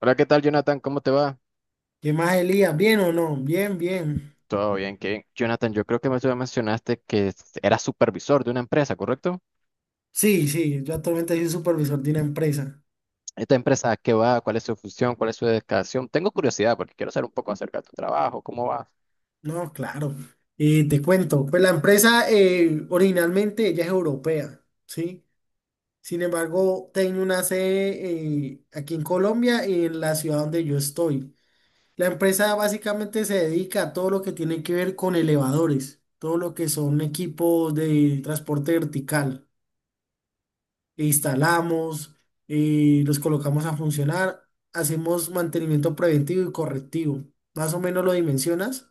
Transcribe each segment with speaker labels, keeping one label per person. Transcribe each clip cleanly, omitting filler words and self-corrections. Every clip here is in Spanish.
Speaker 1: Hola, ¿qué tal, Jonathan? ¿Cómo te va?
Speaker 2: ¿Qué más, Elías? ¿Bien o no? Bien, bien.
Speaker 1: Todo bien, qué Jonathan, yo creo que me tú me mencionaste que eras supervisor de una empresa, ¿correcto?
Speaker 2: Sí, sí, yo actualmente soy supervisor de una empresa.
Speaker 1: ¿Esta empresa a qué va? ¿Cuál es su función? ¿Cuál es su dedicación? Tengo curiosidad porque quiero saber un poco acerca de tu trabajo, cómo va.
Speaker 2: No, claro. Y te cuento, pues la empresa originalmente ella es europea, ¿sí? Sin embargo, tiene una sede aquí en Colombia y en la ciudad donde yo estoy. La empresa básicamente se dedica a todo lo que tiene que ver con elevadores, todo lo que son equipos de transporte vertical. Instalamos, los colocamos a funcionar, hacemos mantenimiento preventivo y correctivo. Más o menos lo dimensionas.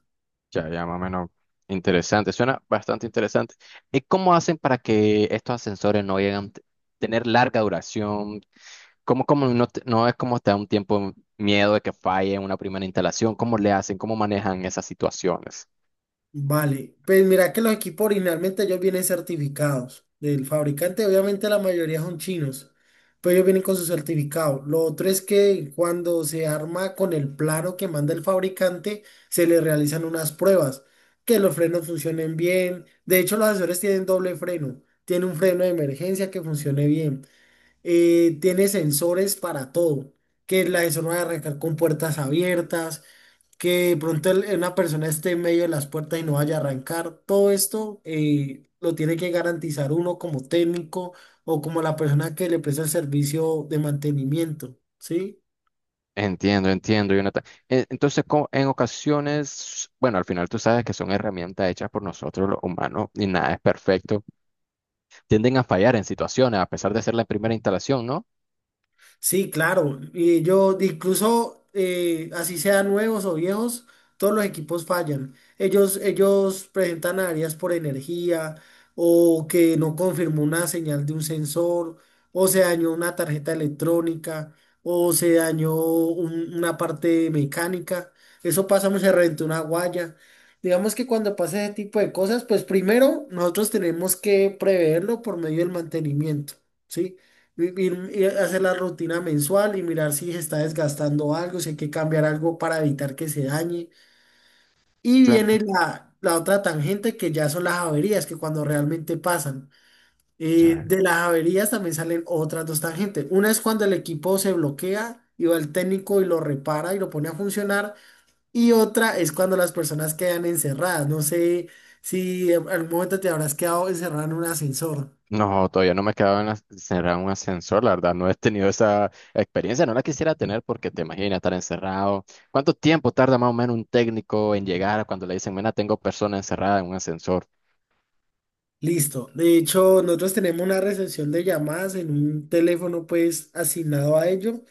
Speaker 1: Ya, ya, más o menos interesante, suena bastante interesante. ¿Y cómo hacen para que estos ascensores no lleguen a tener larga duración? ¿Cómo, cómo no, no es como te da un tiempo miedo de que falle en una primera instalación? ¿Cómo le hacen? ¿Cómo manejan esas situaciones?
Speaker 2: Vale, pues mira que los equipos originalmente ellos vienen certificados del fabricante, obviamente la mayoría son chinos, pero ellos vienen con su certificado. Lo otro es que cuando se arma con el plano que manda el fabricante, se le realizan unas pruebas, que los frenos funcionen bien. De hecho, los asesores tienen doble freno, tiene un freno de emergencia que funcione bien. Tiene sensores para todo, que la eso no va a arrancar con puertas abiertas, que de pronto una persona esté en medio de las puertas y no vaya a arrancar. Todo esto lo tiene que garantizar uno como técnico o como la persona que le presta el servicio de mantenimiento, ¿sí?
Speaker 1: Entiendo, entiendo, Jonathan. Entonces, en ocasiones, bueno, al final tú sabes que son herramientas hechas por nosotros los humanos y nada es perfecto. Tienden a fallar en situaciones, a pesar de ser la primera instalación, ¿no?
Speaker 2: Sí, claro. Y yo incluso así sean nuevos o viejos, todos los equipos fallan. Ellos presentan averías por energía o que no confirmó una señal de un sensor o se dañó una tarjeta electrónica o se dañó una parte mecánica. Eso pasa, se reventó una guaya. Digamos que cuando pasa ese tipo de cosas, pues primero nosotros tenemos que preverlo por medio del mantenimiento, ¿sí? Ir, ir- a hacer la rutina mensual y mirar si se está desgastando algo, si hay que cambiar algo para evitar que se dañe. Y
Speaker 1: Suen-
Speaker 2: viene la otra tangente que ya son las averías, que cuando realmente pasan. Eh,
Speaker 1: ya.
Speaker 2: de las averías también salen otras dos tangentes. Una es cuando el equipo se bloquea y va el técnico y lo repara y lo pone a funcionar. Y otra es cuando las personas quedan encerradas. No sé si en algún momento te habrás quedado encerrado en un ascensor.
Speaker 1: No, todavía no me he quedado en encerrado en un ascensor, la verdad, no he tenido esa experiencia, no la quisiera tener porque te imaginas estar encerrado. ¿Cuánto tiempo tarda más o menos un técnico en llegar cuando le dicen, mira, tengo persona encerrada en un ascensor?
Speaker 2: Listo. De hecho, nosotros tenemos una recepción de llamadas en un teléfono pues asignado a ello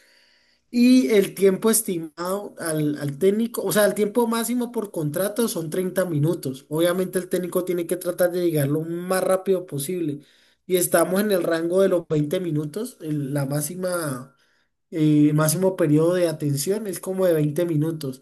Speaker 2: y el tiempo estimado al técnico, o sea, el tiempo máximo por contrato son 30 minutos. Obviamente el técnico tiene que tratar de llegar lo más rápido posible y estamos en el rango de los 20 minutos. El máximo periodo de atención es como de 20 minutos.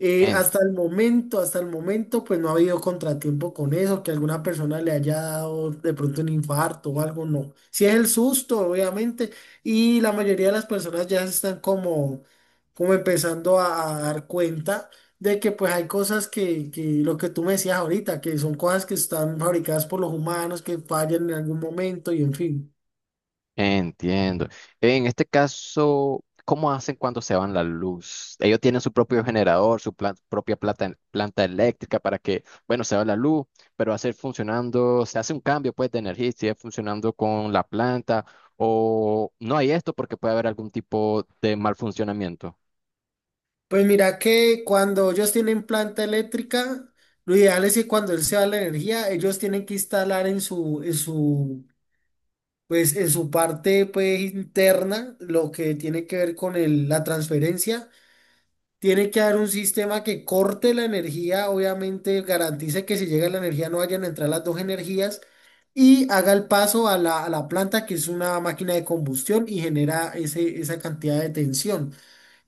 Speaker 2: Hasta el momento, hasta el momento, pues no ha habido contratiempo con eso, que alguna persona le haya dado de pronto un infarto o algo, no. Si es el susto, obviamente, y la mayoría de las personas ya se están como, como empezando a dar cuenta de que pues hay cosas que lo que tú me decías ahorita, que son cosas que están fabricadas por los humanos, que fallan en algún momento y en fin.
Speaker 1: Entiendo. En este caso, ¿cómo hacen cuando se van la luz? Ellos tienen su propio generador, propia planta eléctrica para que, bueno, se va la luz, pero hacer funcionando, se hace un cambio pues de energía, y sigue funcionando con la planta o no hay esto porque puede haber algún tipo de mal funcionamiento.
Speaker 2: Pues mira que cuando ellos tienen planta eléctrica, lo ideal es que cuando él se va la energía, ellos tienen que instalar en su parte pues, interna lo que tiene que ver con la transferencia. Tiene que haber un sistema que corte la energía, obviamente garantice que si llega la energía no vayan a entrar las dos energías y haga el paso a la planta que es una máquina de combustión y genera ese, esa cantidad de tensión.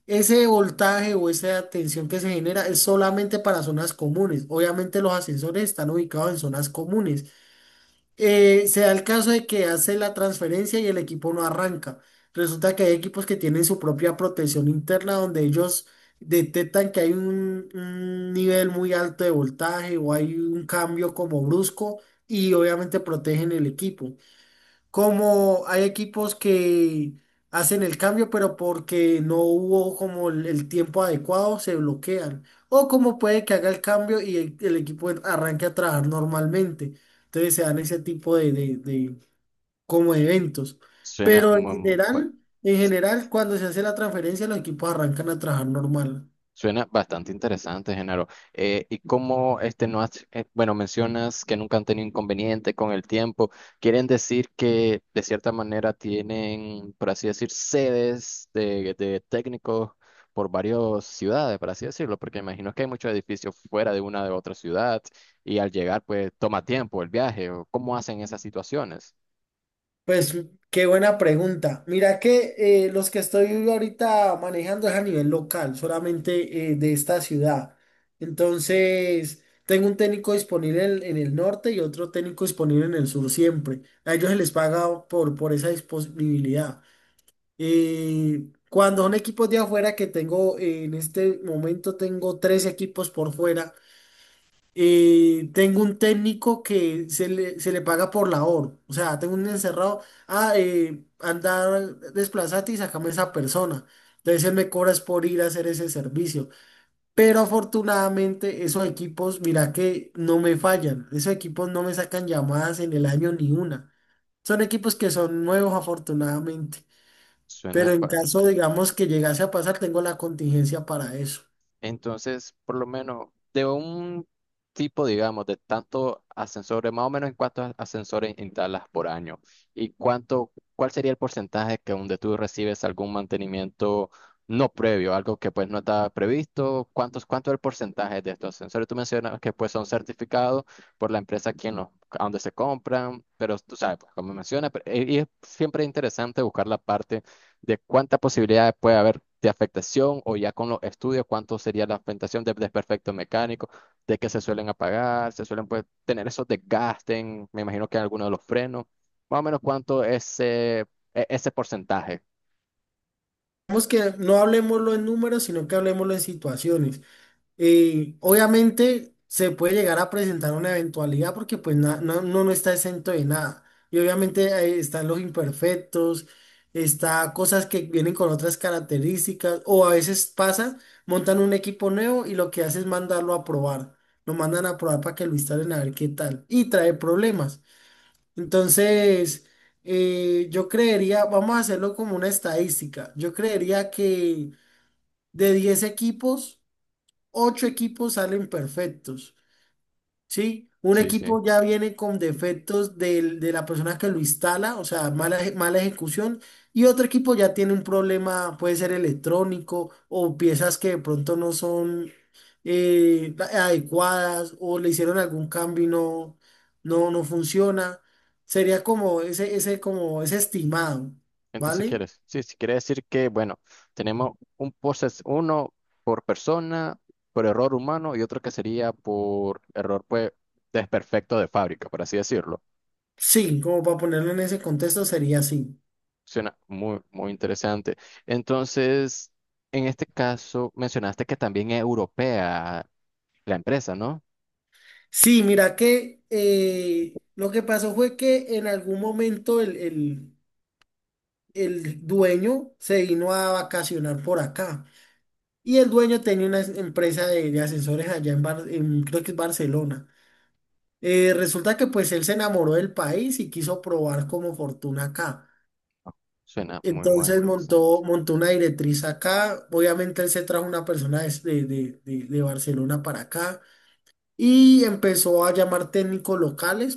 Speaker 2: Ese voltaje o esa tensión que se genera es solamente para zonas comunes. Obviamente los ascensores están ubicados en zonas comunes. Se da el caso de que hace la transferencia y el equipo no arranca. Resulta que hay equipos que tienen su propia protección interna donde ellos detectan que hay un nivel muy alto de voltaje o hay un cambio como brusco y obviamente protegen el equipo, como hay equipos que hacen el cambio, pero porque no hubo como el tiempo adecuado, se bloquean. O como puede que haga el cambio y el arranque a trabajar normalmente. Entonces se dan ese tipo de como eventos.
Speaker 1: Suena,
Speaker 2: Pero
Speaker 1: mm, bueno,
Speaker 2: en general, cuando se hace la transferencia, los equipos arrancan a trabajar normal.
Speaker 1: suena bastante interesante, Genaro. Y cómo este no has, bueno, mencionas que nunca han tenido inconveniente con el tiempo. ¿Quieren decir que de cierta manera tienen, por así decir, sedes de técnicos por varias ciudades, por así decirlo? Porque imagino que hay muchos edificios fuera de una de otra ciudad y al llegar, pues toma tiempo el viaje. ¿O cómo hacen esas situaciones?
Speaker 2: Pues qué buena pregunta. Mira que los que estoy ahorita manejando es a nivel local, solamente de esta ciudad. Entonces, tengo un técnico disponible en el norte y otro técnico disponible en el sur siempre. A ellos se les paga por esa disponibilidad. Cuando son equipos de afuera que tengo, en este momento tengo tres equipos por fuera. Tengo un técnico que se le paga por labor. O sea, tengo un encerrado. Andar, desplazate y sacame esa persona. Entonces él me cobras por ir a hacer ese servicio. Pero afortunadamente esos equipos, mira que no me fallan. Esos equipos no me sacan llamadas en el año ni una. Son equipos que son nuevos afortunadamente. Pero
Speaker 1: Suena,
Speaker 2: en caso,
Speaker 1: bastante.
Speaker 2: digamos, que llegase a pasar, tengo la contingencia para eso.
Speaker 1: Entonces, por lo menos, de un tipo, digamos, de tantos ascensores, más o menos en cuántos ascensores instalas por año y cuánto, cuál sería el porcentaje que donde tú recibes algún mantenimiento no previo, algo que pues no está previsto, cuántos, cuánto es el porcentaje de estos ascensores. Tú mencionas que pues son certificados por la empresa quien los, a donde se compran, pero tú sabes, pues, como mencionas, pero- y es siempre interesante buscar la parte de cuánta posibilidad puede haber de afectación o ya con los estudios, cuánto sería la afectación de desperfecto mecánico, de que se suelen apagar, se suelen pues, tener esos desgastes, en, me imagino que en alguno de los frenos, más o menos cuánto es ese porcentaje.
Speaker 2: Digamos que no hablemoslo en números, sino que hablemoslo en situaciones. Obviamente se puede llegar a presentar una eventualidad porque pues no está exento de nada. Y obviamente están los imperfectos, está cosas que vienen con otras características o a veces pasa, montan un equipo nuevo y lo que hace es mandarlo a probar. Lo mandan a probar para que lo instalen a ver qué tal y trae problemas. Entonces, yo creería, vamos a hacerlo como una estadística. Yo creería que de 10 equipos, 8 equipos salen perfectos, ¿sí? Un
Speaker 1: Sí, sí.
Speaker 2: equipo ya viene con defectos de la persona que lo instala, o sea, mala, mala ejecución, y otro equipo ya tiene un problema, puede ser electrónico o piezas que de pronto no son adecuadas o le hicieron algún cambio y no funciona. Sería como como ese estimado,
Speaker 1: Entonces,
Speaker 2: ¿vale?
Speaker 1: ¿quieres? Sí, sí, quiere decir que, bueno, tenemos un proceso, uno por persona, por error humano y otro que sería por error pues desperfecto de fábrica, por así decirlo.
Speaker 2: Sí, como para ponerlo en ese contexto sería así.
Speaker 1: Suena muy, muy interesante. Entonces, en este caso, mencionaste que también es europea la empresa, ¿no?
Speaker 2: Sí, mira que lo que pasó fue que en algún momento el dueño se vino a vacacionar por acá y el dueño tenía una empresa de ascensores allá en, creo que es Barcelona. Resulta que pues él se enamoró del país y quiso probar como fortuna acá.
Speaker 1: Suena muy, muy
Speaker 2: Entonces
Speaker 1: interesante.
Speaker 2: montó una directriz acá. Obviamente él se trajo una persona de Barcelona para acá y empezó a llamar técnicos locales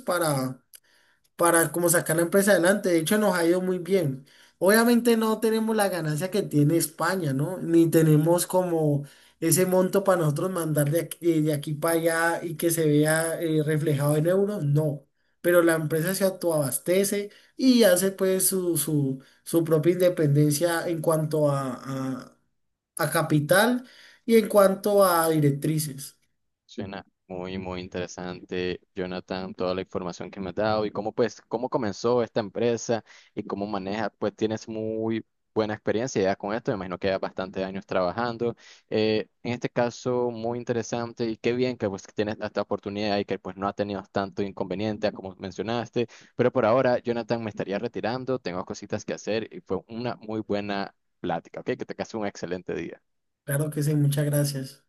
Speaker 2: para como sacar la empresa adelante. De hecho, nos ha ido muy bien. Obviamente no tenemos la ganancia que tiene España, ¿no? Ni tenemos como ese monto para nosotros mandar de aquí para allá y que se vea reflejado en euros, no. Pero la empresa se autoabastece y hace pues su propia independencia en cuanto a a capital y en cuanto a directrices.
Speaker 1: Suena muy, muy interesante, Jonathan, toda la información que me has dado y cómo, pues, cómo comenzó esta empresa y cómo maneja, pues tienes muy buena experiencia ya con esto, me imagino que ya bastantes años trabajando. En este caso, muy interesante y qué bien que pues tienes esta oportunidad y que pues no has tenido tanto inconveniente como mencionaste, pero por ahora, Jonathan, me estaría retirando, tengo cositas que hacer y fue una muy buena plática, ¿ok? Que te case un excelente día.
Speaker 2: Claro que sí, muchas gracias.